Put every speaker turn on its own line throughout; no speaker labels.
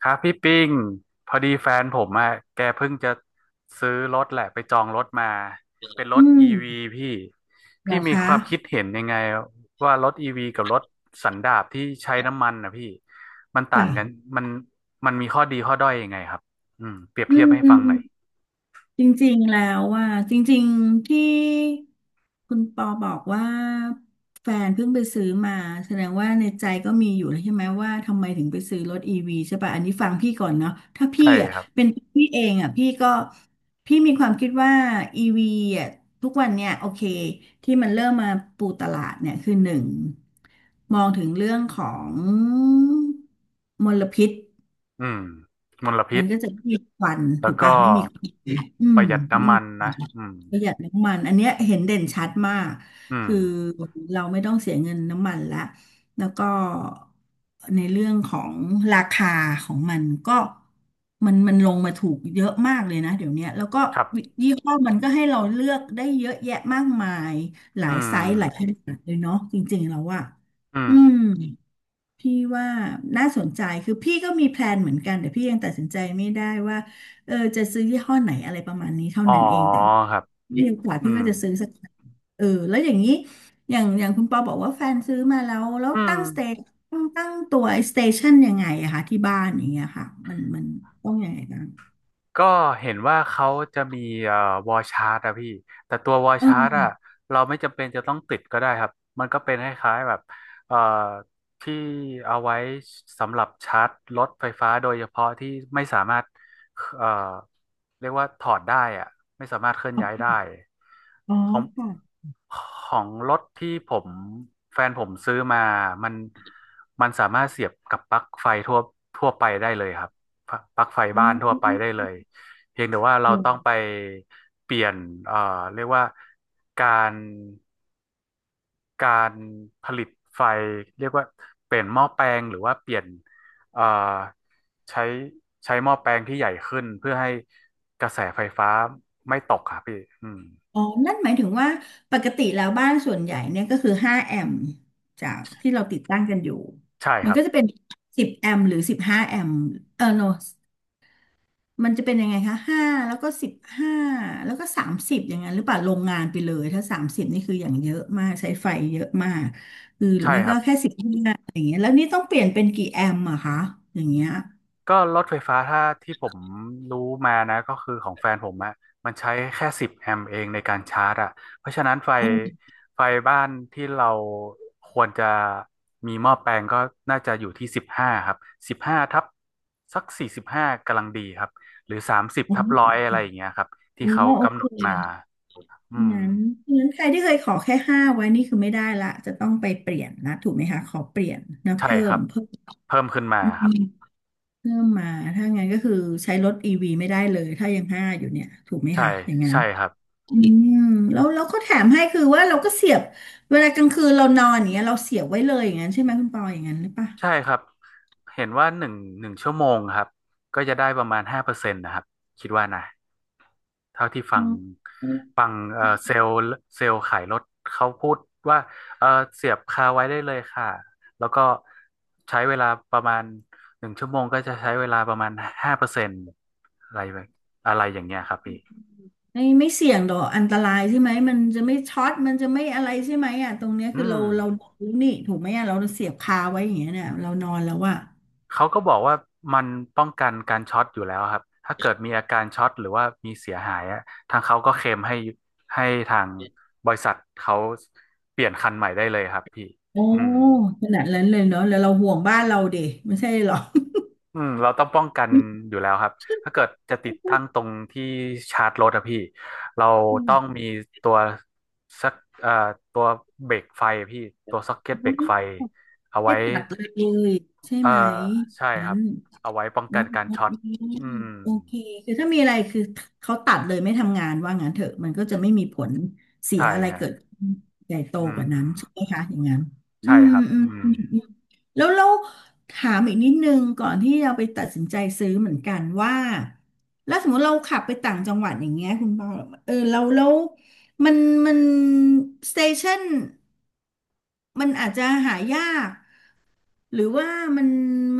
ครับพี่ปิงพอดีแฟนผมอะแกเพิ่งจะซื้อรถแหละไปจองรถมาเป็นรถ
อื
อีวี
ม
พี่
เหร
พี่
อ
มี
คะ
ความคิดเห็นยังไงว่ารถอีวีกับรถสันดาปที่ใช้น้ำมันนะพี่มันต่างกัน
จ้ะ
มันมันมีข้อดีข้อด้อยยังไงครับเปรียบ
อื
เทียบให้ฟังหน่อย
มจริงๆแล้วว่าจริงๆที่คุณปอบอกว่าแฟนเพิ่งไปซื้อมาแสดงว่าในใจก็มีอยู่แล้วใช่ไหมว่าทำไมถึงไปซื้อรถอีวีใช่ป่ะอันนี้ฟังพี่ก่อนเนาะถ้าพี่
ใช่
อ่ะ
ครับ
เป็นพี่เองอ่ะพี่ก็มีความคิดว่าอีวีอ่ะทุกวันเนี่ยโอเคที่มันเริ่มมาปูตลาดเนี่ยคือหนึ่งมองถึงเรื่องของมลพิษ
อืมมลพิ
มั
ษ
นก็จะไม่มีควัน
แล้
ถู
ว
ก
ก็
ปะไม่มีควันอื
ป
ม
ระหยัด
ไม่
น้ำมั
มี
น
คว
นะ
ัน
อืม
ประหยัดน้ำมันอันเนี้ยเห็นเด่นชัดมาก
อืม
คือเราไม่ต้องเสียเงินน้ำมันละแล้วก็ในเรื่องของราคาของมันก็มันลงมาถูกเยอะมากเลยนะเดี๋ยวเนี้ยแล้วก็
ครับ
ยี่ห้อมันก็ให้เราเลือกได้เยอะแยะมากมายหลา
อื
ยไซส์หลายข
ม
นาดเลยเนาะจริงๆแล้วอะ
อืม
อืม พี่ว่าน่าสนใจคือพี่ก็มีแพลนเหมือนกันแต่พี่ยังตัดสินใจไม่ได้ว่าเออจะซื้อยี่ห้อไหนอะไรประมาณนี้เท่า
อ๋อ
นั้นเองแต่
ครับ
มีโอกาส
อื
พี่
ม
ก็จะซื้อสักคันเออแล้วอย่างนี้อย่างคุณปอบอกว่าแฟนซื้อมาแล้วแล้ว
อืม
ตั้งสเตตั้งตัวไอสเตชันยังไงอะคะที่บ้านอย่างเงี้ยค่ะมันต้องยังไงกัน
ก็เห็นว่าเขาจะมีเอ่อวอลชาร์ตอะพี่แต่ตัววอลชาร์ตอะ
เออ
เราไม่จำเป็นจะต้องติดก็ได้ครับมันก็เป็นคล้ายๆแบบเอ่อที่เอาไว้สำหรับชาร์จรถไฟฟ้าโดยเฉพาะที่ไม่สามารถเอ่อเรียกว่าถอดได้อะไม่สามารถเคลื่อนย้ายได้
อ๋อ
ของ
ค่ะ
ของรถที่ผมแฟนผมซื้อมามันมันสามารถเสียบกับปลั๊กไฟทั่วไปได้เลยครับปลั๊กไฟ
อ๋
บ้านทั่วไปได้เลย
อ
เพียงแต่ว่าเราต้องไปเปลี่ยนเอ่อเรียกว่าการการผลิตไฟเรียกว่าเปลี่ยนหม้อแปลงหรือว่าเปลี่ยนเอ่อใช้ใช้หม้อแปลงที่ใหญ่ขึ้นเพื่อให้กระแสไฟฟ้าไม่ตกครับพี่อืม
อ๋อนั่นหมายถึงว่าปกติแล้วบ้านส่วนใหญ่เนี่ยก็คือ5แอมป์จากที่เราติดตั้งกันอยู่
ใช่ค
มัน
รับ
ก็จะเป็น10แอมป์หรือ15แอมป์เออโนมันจะเป็นยังไงคะ5แล้วก็15แล้วก็30อย่างนั้นหรือเปล่าโรงงานไปเลยถ้า 30 นี่คืออย่างเยอะมากใช้ไฟเยอะมากคือหรือ
ใช่
ไม่
ครั
ก็
บ
แค่15อย่างเงี้ยแล้วนี่ต้องเปลี่ยนเป็นกี่แอมป์อะคะอย่างเงี้ย
ก็รถไฟฟ้าถ้าที่ผมรู้มานะก็คือของแฟนผมอะมันใช้แค่10 แอมป์เองในการชาร์จอะเพราะฉะนั้น
อ๋อ
ไฟบ้านที่เราควรจะมีหม้อแปลงก็น่าจะอยู่ที่สิบห้าครับสิบห้าทับสัก45กำลังดีครับหรือ30
อ๋
ทับร้อ
อ
ยอะไรอย่างเงี้ยครับ
โ
ที่เขา
อ
กำ
เ
หนดมา
ค
อืม
นั้นนั้นใครที่เคยขอแค่ห้าไว้นี่คือไม่ได้ละจะต้องไปเปลี่ยนนะถูกไหมคะขอเปลี่ยนนะ
ใช่
เพิ่
ค
ม
รับ
เพิ่ม
เพิ่มขึ้นมา
อื
ครับ
มเพิ่มมา ถ้างั้นก็คือใช้รถอีวีไม่ได้เลยถ้ายังห้าอยู่เนี่ยถูกไหม
ใช่
คะอย่างนั้น
ใช่ครับ
อืมแล้วก็แถมให้คือว่าเราก็เสียบเวลากลางคืนเรานอนอย่างเงี้ยเราเสียบไว้เลยอย่างนั้นใช่ไหมคุณปออย่างนั้นหรือปะ
ใช่ครับ เห็นว่า1 ชั่วโมงครับก็จะได้ประมาณห้าเปอร์เซ็นต์นะครับ คิดว่านะเท่าที่
อ๋อ
ฟังเซลล์ขายรถเขาพูดว่าเออเสียบคาไว้ได้เลยค่ะ แล้วก็ใช้เวลาประมาณหนึ่งชั่วโมงก็จะใช้เวลาประมาณห้าเปอร์เซ็นต์อะไรแบบอะไรอย่างเงี้ยครับพี่
ไม่เสี่ยงหรอกอันตรายใช่ไหมมันจะไม่ช็อตมันจะไม่อะไรใช่ไหมอ่ะตรงเนี้ยคื
อื
อเรา
ม
เราดูนี่ถูกไหมอ่ะเราเสียบคาไว้อย่างเงี้ยเนี่ยเรานอนแล้วอ่ะ
เขาก็บอกว่ามันป้องกันการช็อตอยู่แล้วครับถ้าเกิดมีอาการช็อตหรือว่ามีเสียหายอะทางเขาก็เคลมให้ให้ทางบริษัทเขาเปลี่ยนคันใหม่ได้เลยครับพี่
โอ้
อืม
ขนาดนั้นเลยเนาะแล้วเราห่วงบ้านเราดิไม่ใช่หรอ
อืมเราต้องป้องกัน อยู่แล้วครับถ้าเกิดจะติดตั้งตรงที่ชาร์จรถอะพี่เราต้องมีตัวสักเอ่อตัวเบรกไฟอะพี่ตัวซ็อกเก็ตเบรกไฟเอา
ไม่
ไว้
ตัดเลยใช่
เอ่
ไหม
อใช่
ฉั
ครั
น
บเอาไว้ป้อง
อ๋อ
กันการช็อตอืม
โอเคคือถ้ามีอะไรคือเขาตัดเลยไม่ทำงานว่างั้นเถอะมันก็จะไม่มีผลเสีย
ใช่
อะไร
ฮะ
เกิดขึ้นใหญ่โต
อื
กว่า
ม
นั้นใช่ไหมคะอย่างนั้นอื
ใช่
ม
ครับ
อื
อื
ม
ม
อืมอืมแล้วเราถามอีกนิดนึงก่อนที่เราไปตัดสินใจซื้อเหมือนกันว่าแล้วสมมติเราขับไปต่างจังหวัดอย่างเงี้ยคุณปอเออเรามันมันสเตชันมันอาจจะหายาก หรือว่ามัน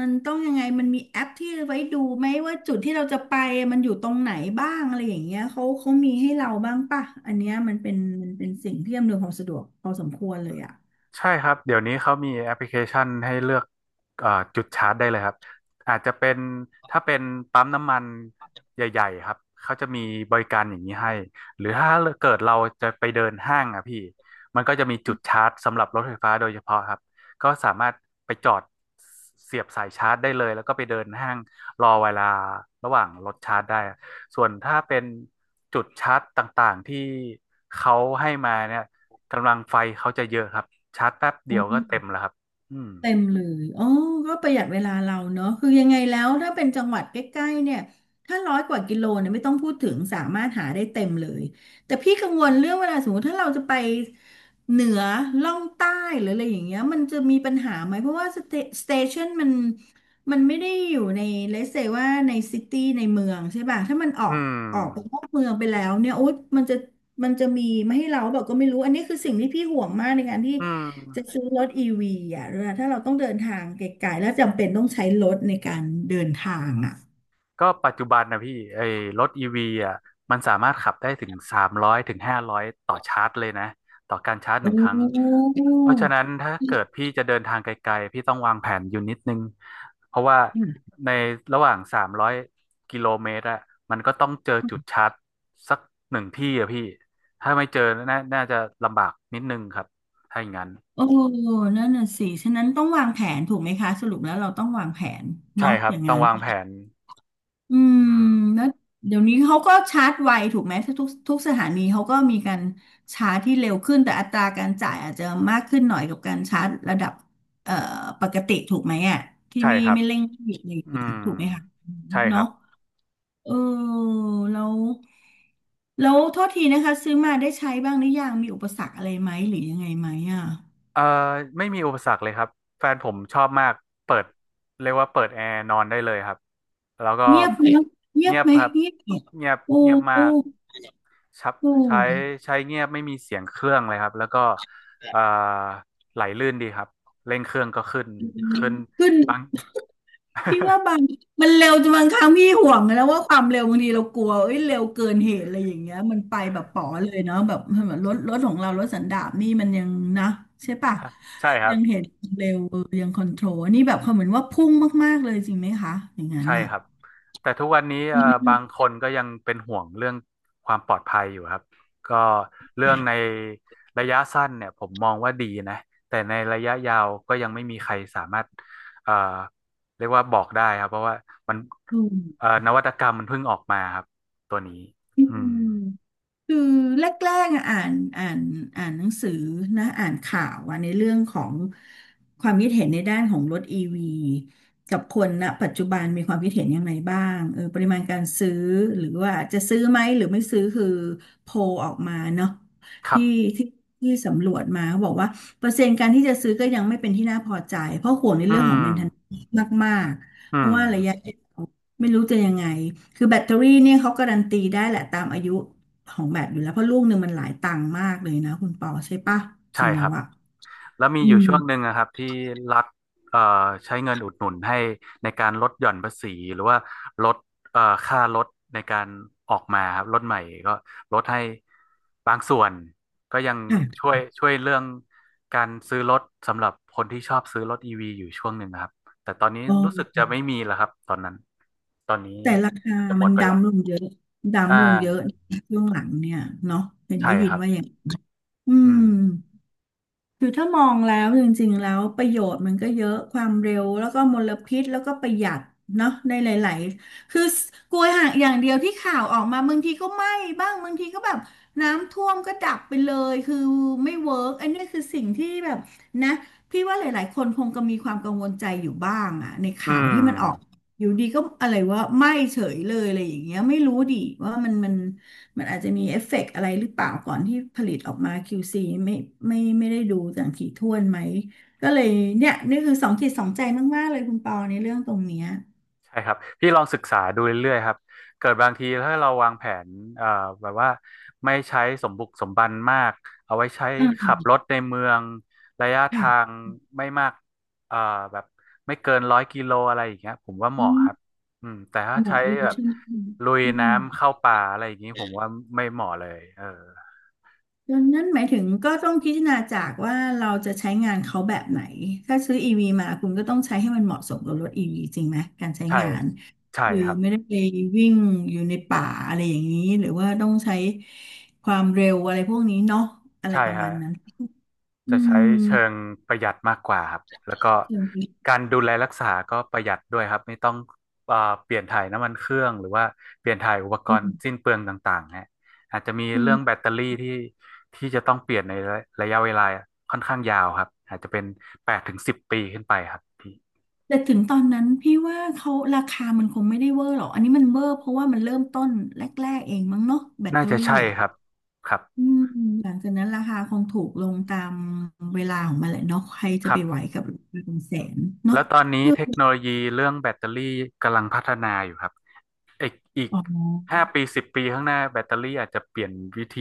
ต้องยังไงมันมีแอปที่ไว้ดูไหมว่าจุดที่เราจะไปมันอยู่ตรงไหนบ้างอะไรอย่างเงี้ยเขามีให้เราบ้างป่ะอันเนี้ยมันเป็นสิ่งที่อำนวยความสะดวกพอสมควรเลยอ่ะ
ใช่ครับเดี๋ยวนี้เขามีแอปพลิเคชันให้เลือกเอ่อจุดชาร์จได้เลยครับอาจจะเป็นถ้าเป็นปั๊มน้ำมันใหญ่ๆครับเขาจะมีบริการอย่างนี้ให้หรือถ้าเกิดเราจะไปเดินห้างอ่ะพี่มันก็จะมีจุดชาร์จสำหรับรถไฟฟ้าโดยเฉพาะครับก็สามารถไปจอดเสียบสายชาร์จได้เลยแล้วก็ไปเดินห้างรอเวลาระหว่างรถชาร์จได้ส่วนถ้าเป็นจุดชาร์จต่างๆที่เขาให้มาเนี่ย กำลังไฟเขาจะเยอะครับชาร์จแป๊บเดียวก็เต็มแล้วครับอืม
เต็มเลยอ๋อก็ประหยัดเวลาเราเนอะคือยังไงแล้วถ้าเป็นจังหวัดใกล้ๆเนี่ย ถ้าร้อยกว่ากิโลเนี่ยไม่ต้องพูดถึงสามารถหาได้เต็มเลย แต่พี่กังวลเรื่องเวลาสมมติถ้าเราจะไปเหนือล่องใต้หรืออะไรอย่างเงี้ยมันจะมีปัญหาไหม เพราะว่าสเตชันมันไม่ได้อยู่ในเลเซว่าในซิตี้ในเมืองใช่ป่ะถ้ามัน
อืม
ออกไปนอกเมืองไปแล้วเนี่ยโอ๊ยมันจะมีไม่ให้เราแบบก็ไม่รู้อันนี้คือสิ่งที่พี่ห่วงมากในการที่
อืม
จะซื้อรถอีวีอ่ะเวลาถ้าเราต้องเดินทางไกลๆแล้วจำเป็นต้องใช้รถในการเดินทางอ่ะ
ก็ปัจจุบันนะพี่ไอ้รถอีวีอ่ะมันสามารถขับได้ถึงสามร้อยถึง500ต่อชาร์จเลยนะต่อการชาร์จห
โอ้
นึ่งครั้งเพ
อ
ราะฉะนั้นถ้าเกิดพี่จะเดินทางไกลๆพี่ต้องวางแผนอยู่นิดนึงเพราะว่า
ืม
ในระหว่าง300 กิโลเมตรอะมันก็ต้องเจอจุดชาร์จสักหนึ่งที่อะพี่ถ้าไม่เจอน่าจะลำบากนิดนึงครับถ้าอย่างนั้น
โอ้นั่นน่ะสิฉะนั้นต้องวางแผนถูกไหมคะสรุปแล้วเราต้องวางแผน
ใช่
เนาะ
ครั
อ
บ
ย่าง
ต้อ
นั้
ง
น
วางแผน
อืม
อืม
แล้วเดี๋ยวนี้เขาก็ชาร์จไวถูกไหมทุกสถานีเขาก็มีการชาร์จที่เร็วขึ้นแต่อัตราการจ่ายอาจจะมากขึ้นหน่อยกับการชาร์จระดับเอ่อปกติถูกไหมอ่ะที่
ใช่
ไม่
ครับ
ไม่เร่งรีบอะไรอย่า
อื
งเงี้ย
ม
ถูกไหมคะ
ใช่ครั
เนาะ
บ
เออแล้วแล้วโทษทีนะคะซื้อมาได้ใช้บ้างหรือยังมีอุปสรรคอะไรไหมหรือยังไงไหมอ่ะ
เอ่อไม่มีอุปสรรคเลยครับแฟนผมชอบมากเปิดเรียกว่าเปิดแอร์นอนได้เลยครับแล้วก็
เงียบไหม
เงียบครับ
เงียบเหรอ
เงียบ
โอ้
เงียบ
โอ้
มากชับ
โอ้
ใช้ใช้เงียบไม่มีเสียงเครื่องเลยครับแล้วก็เอ่อไหลลื่นดีครับเร่งเครื่องก็ขึ้นขึ้น
ขึ้น
บาง
พี่ ว่าบางมันเร็วจนบางครั้งพี่ห่วงนะว่าความเร็วบางทีเรากลัวเอ้ยเร็วเกินเหตุอะไรอย่างเงี้ยมันไปแบบป๋อเลยเนาะแบบเหมือนรถของเรารถสันดาปนี่มันยังนะใช่ปะ
ใช่ครั
ยั
บ
งเห็นเร็วเออยังคอนโทรลอันนี่แบบเขาเหมือนว่าพุ่งมากๆเลยจริงไหมคะอย่างนั้น
ใช่
น่ะ
ครับแต่ทุกวันนี้
อื
บาง
ม
คนก็ยังเป็นห่วงเรื่องความปลอดภัยอยู่ครับก็เรื่องในระยะสั้นเนี่ยผมมองว่าดีนะแต่ในระยะยาวก็ยังไม่มีใครสามารถเอ่อเรียกว่าบอกได้ครับเพราะว่ามัน
อ
นวัตกรรมมันเพิ่งออกมาครับตัวนี้
ื
อืม
ม คือแรกๆอะอ่านอ่านหนังสือนะอ่านข่าวอะในเรื่องของความคิดเห็นในด้านของรถอีวีกับคนณปัจจุบันมีความคิดเห็นยังไงบ้างเออปริมาณการซื้อหรือว่าจะซื้อไหมหรือไม่ซื้อคือโพลออกมาเนาะ
ครั
ที่
บ
ที่ที่สำรวจมาเขาบอกว่าเปอร์เซ็นต์การที่จะซื้อก็ยังไม่เป็นที่น่าพอใจเพราะห่วงใน
อื
เรื่องของ m a i
ม
เ t e n a n c e มากๆ
อื
เพราะ
ม
ว่าระยะยาวไม่รู้จะยังไงคือแบตเตอรี่เนี่ยเขาการันตีได้แหละตามอายุ ของแบบอยู่แล้วเพราะลูกหนึ่งมันหลายตังค์มากเลยนะคุณปอใช่ปะจ
ใช่
ริง
ค
แล้
รั
ว
บ
อะ
แล้วมี
อื
อยู่
ม
ช่วงหนึ่งนะครับที่รัฐเอ่อใช้เงินอุดหนุนให้ในการลดหย่อนภาษีหรือว่าลดค่ารถในการออกมาครับรถใหม่ก็ลดให้บางส่วนก็ยัง
ค่ะ
ช่วยเรื่องการซื้อรถสำหรับคนที่ชอบซื้อรถอีวีอยู่ช่วงหนึ่งนะครับแต่ตอนนี้
เ
รู้สึก
ออ
จะไม่มีแล้วครับตอนนั้นตอนนี้
แต่ราคา
น่าจะหม
มัน
ดไปละ
ดำลงเยอะ
อ่า
ดำลงเยอะช่วงหลังเนี่ยเนาะเห็น
ใช่
ได้ยิ
ค
น
รับ
ว่าอย่างอื
อื
ม
ม
คือถ้ามองแล้วจริงๆแล้วประโยชน์มันก็เยอะความเร็วแล้วก็มลพิษแล้วก็ประหยัดเนาะในหลายๆคือกลัวห่างอย่างเดียวที่ข่าวออกมาบางทีก็ไหม้บ้างบางทีก็แบบน้ำท่วมก็ดับไปเลยคือไม่เวิร์กอันนี้คือสิ่งที่แบบนะพี่ว่าหลายๆคนคงก็มีความกังวลใจอยู่บ้างอะในข่า
อื
ว
ม
ที่มันออกอยู่ดีก็อะไรว่าไหม้เฉยเลยอะไรอย่างเงี้ยไม่รู้ดิว่ามัน มันอาจจะมีเอฟเฟกต์อะไรหรือเปล่าก่อนที่ผลิตออกมา QC ไม่ไม่ได้ดูอย่างถี่ถ้วนไหมก็เลยเนี่ยนี่คือสองจิตสองใจมากๆเลยคุณปอในเรื่องตรงเนี้ย
ใช่ครับพี่ลองศึกษาดูเรื่อยๆครับเกิดบางทีถ้าเราวางแผนเอ่อแบบว่าไม่ใช้สมบุกสมบันมากเอาไว้ใช้
อ่า
ขับรถในเมืองระยะ
ค่ะ
ทางไม่มากเอ่อแบบไม่เกินร้อยกิโลอะไรอย่างเงี้ยผมว่าเห
อื
มาะค
ม
รับอืมแต่ถ้า
เห
ใช้
มาะรู้
แบบ
ใช่ไหม
ลุย
อื
น้ำ
ม
เข้าป่าอะไรอย่างงี้ผมว่าไม่เหมาะเลยเออ
ดังนั้นหมายถึงก็ต้องพิจารณาจากว่าเราจะใช้งานเขาแบบไหน ถ้าซื้อ EV มาคุณก็ต้องใช้ให้มันเหมาะสมกับรถ EV จริงไหม การใช้
ใช่
งาน
ใช่
คือ
ครับ
ไม่ได้ไปวิ่งอยู่ในป่าอะไรอย่างนี้ หรือว่าต้องใช้ความเร็วอะไรพวกนี้เนาะอะไร
ใช่
ประมา
ฮะ
ณนั้นอื
จะใช้
ม
เชิงประหยัดมากกว่าครับแล้วก็
จริง
การดูแลรักษาก็ประหยัดด้วยครับไม่ต้องเอ่อเปลี่ยนถ่ายน้ำมันเครื่องหรือว่าเปลี่ยนถ่ายอุปกรณ์สิ้นเปลืองต่างๆฮะอาจจะมี
จริ
เรื่องแบ
ง
ตเตอรี่ที่ที่จะต้องเปลี่ยนในระยะเวลาค่อนข้างยาวครับอาจจะเป็น8-10 ปีขึ้นไปครับพี่
แต่ถึงตอนนั้นพี่ว่าเขาราคามันคงไม่ได้เวอร์หรอกอันนี้มันเวอร์เพราะว่ามันเริ่มต้นแรกๆเองมั้งเนาะแบต
น่า
เตอ
จะ
รี่
ใช่
อ่ะ
ครับครับ
อืมหลังจากนั้นราคาคงถูกลงตามเวลาของมันแหละเนาะใคร
ค
จะ
รั
ไปไหว
บ
กับราคาเป็นแสนเนาะ
แล้วตอนนี้
เออ
เทคโนโลยีเรื่องแบตเตอรี่กำลังพัฒนาอยู่ครับ อีกอีก
อ๋
ห้า
อ
ปีสิบปีข้างหน้าแบตเตอรี่อาจจะเปลี่ยนวิธี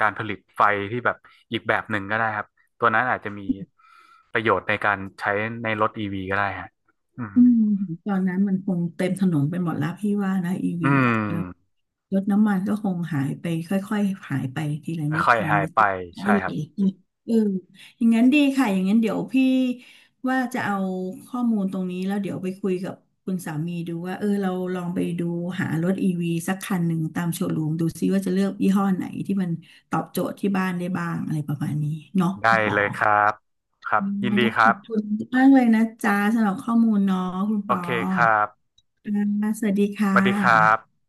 การผลิตไฟที่แบบอีกแบบหนึ่งก็ได้ครับตัวนั้นอาจจะมีประโยชน์ในการใช้ในรถอีวีก็ได้ฮะอืม
อืมตอนนั้นมันคงเต็มถนนไปหมดแล้วพี่ว่านะอี
อื
วีอ่ะแล้ว
ม
รถน้ำมันก็คงหายไปค่อยๆหายไปทีละนิด
ค่อย
ที
ๆ
ละ
หาย
นิด
ไปใช่
ไม่เหล
ครับ
ยเอออย่างนั้นดีค่ะอย่างนั้นเดี๋ยวพี่ว่าจะเอาข้อมูลตรงนี้แล้วเดี๋ยวไปคุยกับคุณสามีดูว่าเออเราลองไปดูหารถอีวีสักคันหนึ่งตามโชว์รูมดูซิว่าจะเลือกยี่ห้อไหนที่มันตอบโจทย์ที่บ้านได้บ้างอะไรประมาณนี้เนาะคุ
ได้
ณปอ
เลยครับครับยิน
ไม่
ดี
ต้อง
ค
ข
รั
อบคุ
บ
ณมากเลยนะจ๊ะสำหรับข้อมูลเนาะคุณป
โอ
อ
เคครับ
อ่าสวัสดี
ส
ค่ะ
วัสดีครับ